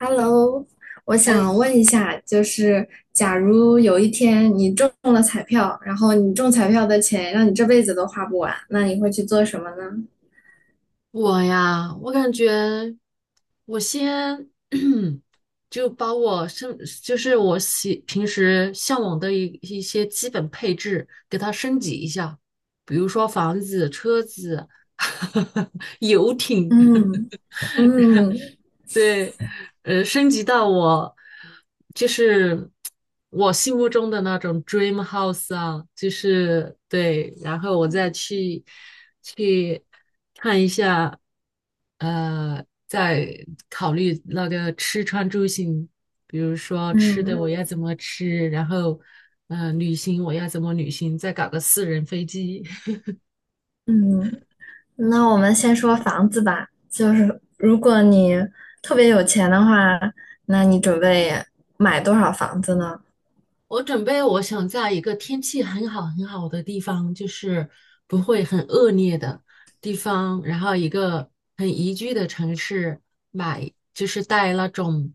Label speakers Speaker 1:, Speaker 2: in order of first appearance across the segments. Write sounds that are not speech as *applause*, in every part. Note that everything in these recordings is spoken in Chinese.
Speaker 1: Hello，我
Speaker 2: 哎，
Speaker 1: 想问一下，就是假如有一天你中了彩票，然后你中彩票的钱让你这辈子都花不完，那你会去做什么呢？
Speaker 2: 我呀，我感觉我先 *clears throat* 就把我升，就是我平时向往的一些基本配置给它升级一下，比如说房子、车子、*laughs* 游艇。
Speaker 1: 嗯嗯
Speaker 2: 对，升级到我就是我心目中的那种 dream house 啊，就是对，然后我再去看一下，再考虑那个吃穿住行，比如说吃的
Speaker 1: 嗯
Speaker 2: 我要怎么吃，然后旅行我要怎么旅行，再搞个私人飞机，*laughs*
Speaker 1: 嗯，那我们先说房子吧。就是如果你特别有钱的话，那你准备买多少房子呢？
Speaker 2: 我准备，我想在一个天气很好很好的地方，就是不会很恶劣的地方，然后一个很宜居的城市买，就是带那种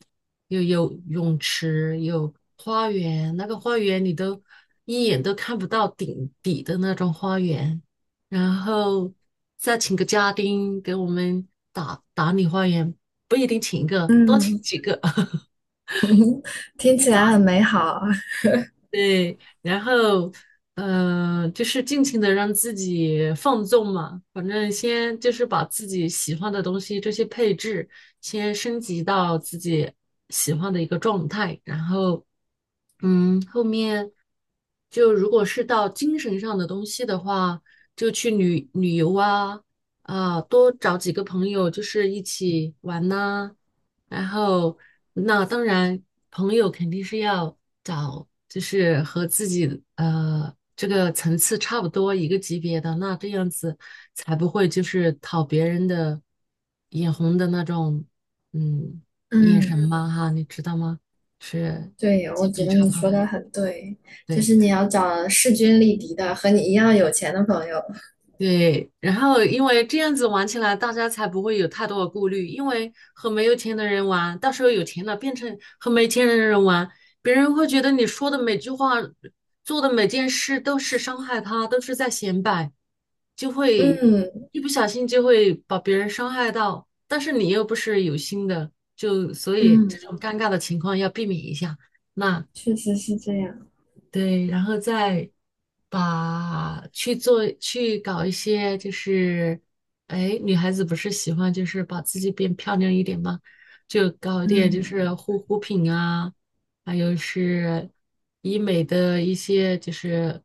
Speaker 2: 有泳池、有花园，那个花园你都一眼都看不到顶底的那种花园，然后再请个家丁给我们打打理花园，不一定请一个，多请
Speaker 1: 嗯，
Speaker 2: 几个 *laughs*
Speaker 1: 听
Speaker 2: 去
Speaker 1: 起
Speaker 2: 打
Speaker 1: 来很
Speaker 2: 理。
Speaker 1: 美好。*laughs*
Speaker 2: 对，然后嗯，就是尽情的让自己放纵嘛，反正先就是把自己喜欢的东西这些配置先升级到自己喜欢的一个状态，然后嗯，后面就如果是到精神上的东西的话，就去旅游啊，多找几个朋友就是一起玩呐、然后，那当然，朋友肯定是要找，就是和自己这个层次差不多一个级别的，那这样子才不会就是讨别人的眼红的那种，嗯，眼
Speaker 1: 嗯。
Speaker 2: 神嘛哈，你知道吗？是
Speaker 1: 对，我
Speaker 2: 级
Speaker 1: 觉
Speaker 2: 别
Speaker 1: 得
Speaker 2: 差
Speaker 1: 你
Speaker 2: 不多的，
Speaker 1: 说的很对，就
Speaker 2: 对。
Speaker 1: 是你要找势均力敌的和你一样有钱的朋友。
Speaker 2: 对，然后因为这样子玩起来，大家才不会有太多的顾虑。因为和没有钱的人玩，到时候有钱了变成和没钱的人玩，别人会觉得你说的每句话、做的每件事都是伤害他，都是在显摆，就会
Speaker 1: 嗯。
Speaker 2: 一不小心就会把别人伤害到。但是你又不是有心的，就所以这
Speaker 1: 嗯，
Speaker 2: 种尴尬的情况要避免一下。那
Speaker 1: 确实是这样。
Speaker 2: 对，然后再把去搞一些，就是哎，女孩子不是喜欢就是把自己变漂亮一点吗？就搞一点就
Speaker 1: 嗯，
Speaker 2: 是护肤品啊，还有是医美的一些就是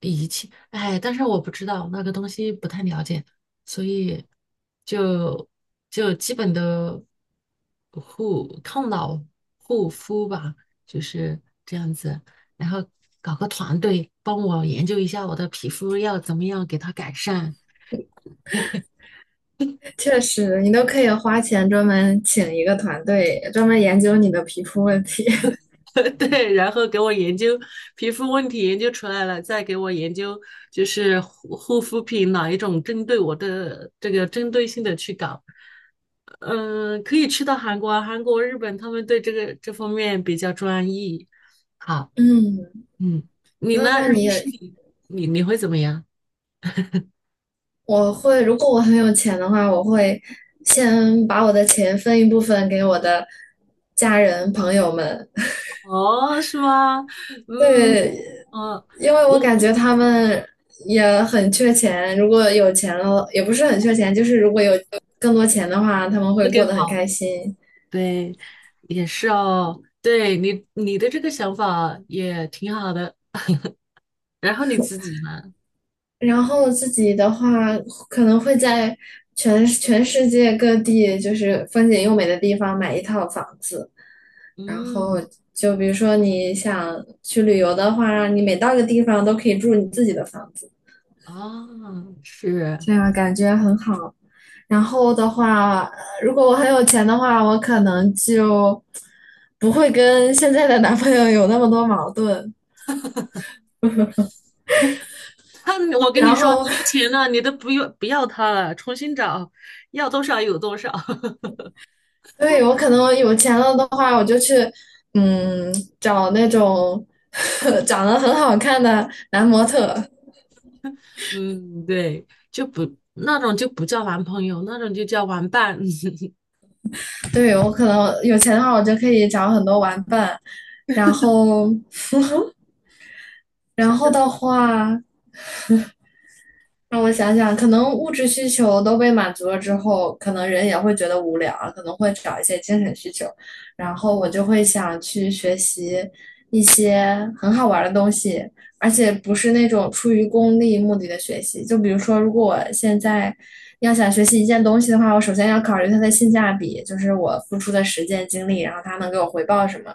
Speaker 2: 仪器，哎，但是我不知道那个东西不太了解，所以就就基本的抗老护肤吧，就是这样子。然后搞个团队帮我研究一下我的皮肤要怎么样给它改善，
Speaker 1: 确实，你都可以花钱专门请一个团队，专门研究你的皮肤问题。*laughs*
Speaker 2: *laughs* 对，然后给我研究皮肤问题研究出来了，再给我研究就是护肤品哪一种针对我的这个针对性的去搞，嗯，可以去到韩国、日本，他们对这方面比较专一。好，
Speaker 1: 嗯，
Speaker 2: 嗯，你
Speaker 1: 那
Speaker 2: 呢？
Speaker 1: 那
Speaker 2: 如
Speaker 1: 你
Speaker 2: 果是
Speaker 1: 也
Speaker 2: 你，你会怎么样？
Speaker 1: 我会，如果我很有钱的话，我会先把我的钱分一部分给我的家人朋友们，
Speaker 2: 哦，是吗？嗯，
Speaker 1: 对，
Speaker 2: 哦，
Speaker 1: 因为
Speaker 2: 我
Speaker 1: 我感觉
Speaker 2: 我
Speaker 1: 他们也很缺钱，如果有钱了，也不是很缺钱，就是如果有更多钱的话，他们
Speaker 2: 会
Speaker 1: 会过
Speaker 2: 更
Speaker 1: 得很
Speaker 2: 好。
Speaker 1: 开心。
Speaker 2: 对，也是哦。对你，你的这个想法也挺好的。然后你自己呢？
Speaker 1: 然后自己的话，可能会在全世界各地，就是风景优美的地方买一套房子。然后
Speaker 2: 嗯，
Speaker 1: 就比如说你想去旅游的话，你每到一个地方都可以住你自己的房子。
Speaker 2: 哦，是。
Speaker 1: 这样感觉很好。然后的话，如果我很有钱的话，我可能就不会跟现在的男朋友有那么多矛盾。
Speaker 2: 他，我跟你
Speaker 1: 然
Speaker 2: 说，你
Speaker 1: 后，
Speaker 2: 有钱了，你都不要他了，重新找，要多少有多少。*laughs*
Speaker 1: *laughs* 对，我可能有钱了的话，我就去嗯找那种 *laughs* 长得很好看的男模特。
Speaker 2: 嗯，对，就不那种就不叫男朋友，那种就叫玩伴。*laughs*
Speaker 1: 对，我可能有钱的话，我就可以找很多玩伴。然后，然
Speaker 2: 想
Speaker 1: 后
Speaker 2: 想
Speaker 1: 的
Speaker 2: 真
Speaker 1: 话。让我想想，可能物质需求都被满足了之后，可能人也会觉得无聊啊，可能会找一些精神需求。然后我就会想去学习一些很好玩的东西，而且不是那种出于功利目的的学习。就比如说，如果我现在要想学习一件东西的话，我首先要考虑它的性价比，就是我付出的时间精力，然后它能给我回报什么。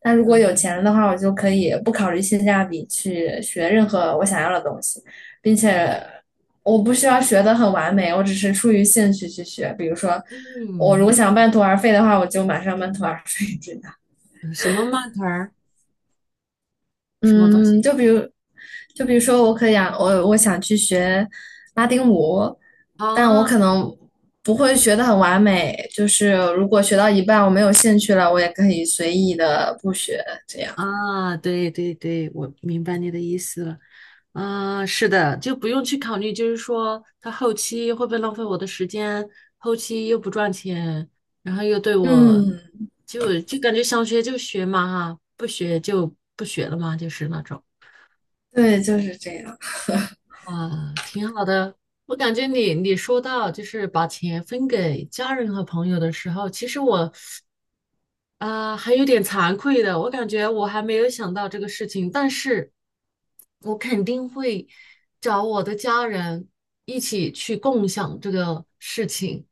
Speaker 1: 但如果有
Speaker 2: 嗯
Speaker 1: 钱了的话，我就可以不考虑性价比去学任何我想要的东西，并且。我不需要学的很完美，我只是出于兴趣去学。比如说，我如果想半途而废的话，我就马上半途而废，真的。
Speaker 2: 嗯，什么慢团儿，什么东西
Speaker 1: 嗯，就比如，就比如说，我可以啊，我想去学拉丁舞，但我
Speaker 2: 啊？哦
Speaker 1: 可能不会学的很完美。就是如果学到一半我没有兴趣了，我也可以随意的不学，这样。
Speaker 2: 啊，对对对，我明白你的意思了。啊，是的，就不用去考虑，就是说他后期会不会浪费我的时间，后期又不赚钱，然后又对我，
Speaker 1: 嗯，
Speaker 2: 就感觉想学就学嘛哈，不学就不学了嘛，就是那种。
Speaker 1: 对，就是这样。
Speaker 2: 啊，挺好的。我感觉你说到就是把钱分给家人和朋友的时候，其实我啊，还有点惭愧的，我感觉我还没有想到这个事情，但是我肯定会找我的家人一起去共享这个事情，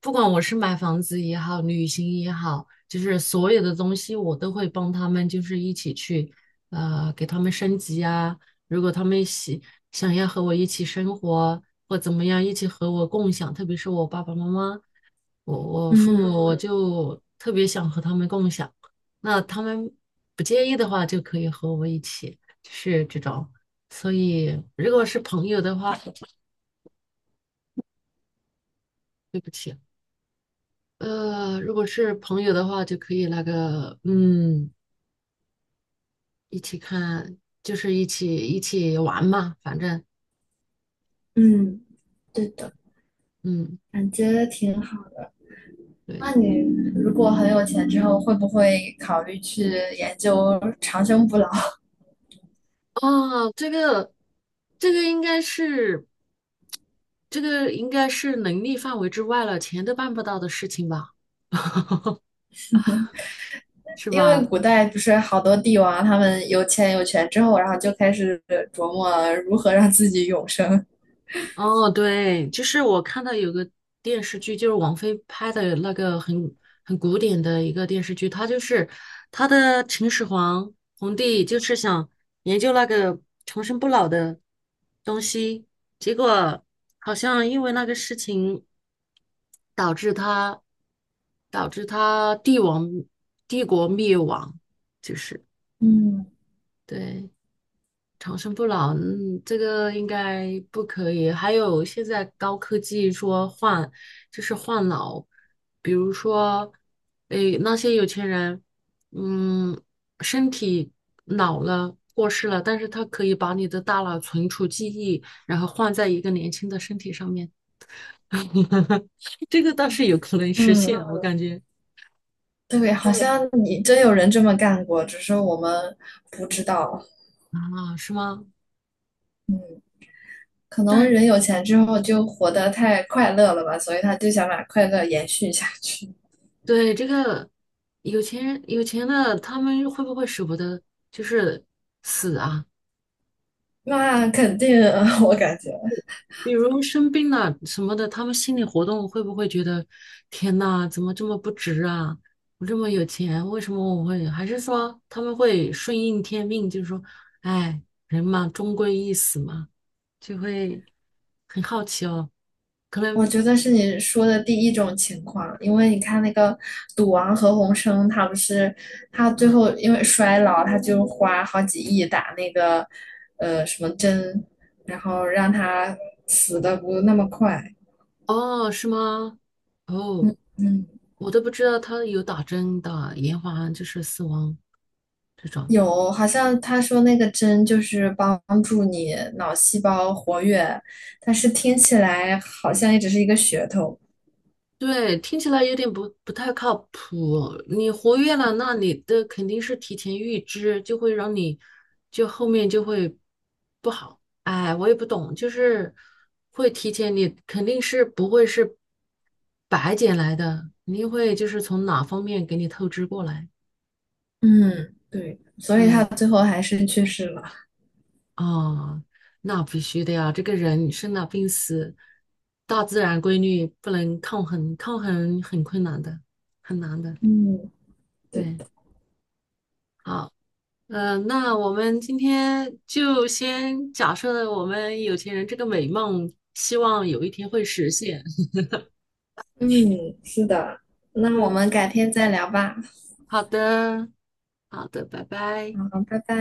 Speaker 2: 不管我是买房子也好，旅行也好，就是所有的东西我都会帮他们，就是一起去，给他们升级啊。如果他们想要和我一起生活或怎么样，一起和我共享，特别是我爸爸妈妈，我我父
Speaker 1: 嗯。
Speaker 2: 母，我就特别想和他们共享。那他们不介意的话，就可以和我一起，就是这种。所以，如果是朋友的话，对不起，如果是朋友的话，就可以那个，嗯，一起看，就是一起玩嘛，反正，
Speaker 1: 嗯，对的，
Speaker 2: 嗯。
Speaker 1: 感觉挺好。
Speaker 2: 对。
Speaker 1: 那你如果很有钱之后，会不会考虑去研究长生不老？*laughs*
Speaker 2: 啊，这个应该是这个应该是能力范围之外了，钱都办不到的事情吧，是
Speaker 1: 因为
Speaker 2: 吧？
Speaker 1: 古代不是好多帝王，他们有钱有权之后，然后就开始琢磨如何让自己永生。
Speaker 2: 哦，对，就是我看到有个电视剧，就是王菲拍的那个很古典的一个电视剧，它就是它的秦始皇皇帝就是想研究那个长生不老的东西，结果好像因为那个事情。导致他导致他帝国灭亡，就是
Speaker 1: 嗯。
Speaker 2: 对长生不老，嗯，这个应该不可以。还有现在高科技说换就是换脑，比如说，诶，那些有钱人，嗯，身体老了。过世了，但是他可以把你的大脑存储记忆，然后换在一个年轻的身体上面，*laughs* 这个倒是有可能实现，
Speaker 1: 嗯，
Speaker 2: 我感觉。
Speaker 1: 对，好
Speaker 2: 对，
Speaker 1: 像你真有人这么干过，只是我们不知道。
Speaker 2: 啊，是吗？
Speaker 1: 可能
Speaker 2: 但
Speaker 1: 人有钱之后就活得太快乐了吧，所以他就想把快乐延续下去。
Speaker 2: 对这个有钱人，有钱的他们会不会舍不得就是死啊？
Speaker 1: 那肯定，*laughs* 我感觉。
Speaker 2: 比如生病了什么的，他们心理活动会不会觉得天呐，怎么这么不值啊？我这么有钱，为什么我会？还是说他们会顺应天命，就是说，哎，人嘛，终归一死嘛，就会很好奇哦。可
Speaker 1: 我
Speaker 2: 能
Speaker 1: 觉得是你说的第一种情况，因为你看那个赌王何鸿燊，他不是他
Speaker 2: 啊，
Speaker 1: 最后因为衰老，他就花好几亿打那个什么针，然后让他死的不那么快。
Speaker 2: 哦，是吗？哦。
Speaker 1: 嗯。嗯，
Speaker 2: 我都不知道他有打针的，延缓就是死亡这种。
Speaker 1: 有，好像他说那个针就是帮助你脑细胞活跃，但是听起来好像也只是一个噱头。
Speaker 2: 对，听起来有点不太靠谱。你活跃了，那你的肯定是提前预知，就会让你就后面就会不好。哎，我也不懂，就是会提前，你肯定是不会是白捡来的，肯定会就是从哪方面给你透支过来。
Speaker 1: 嗯，对，所以他
Speaker 2: 对，
Speaker 1: 最后还是去世了。
Speaker 2: 哦，那必须的呀！这个人生老病死，大自然规律不能抗衡，抗衡很困难的，很难的。
Speaker 1: 嗯。对。
Speaker 2: 对，好，那我们今天就先假设我们有钱人这个美梦，希望有一天会实现。
Speaker 1: 嗯，是的，
Speaker 2: *laughs*
Speaker 1: 那我
Speaker 2: 嗯，
Speaker 1: 们改天再聊吧。
Speaker 2: 好的，好的，拜拜。
Speaker 1: 好，拜拜。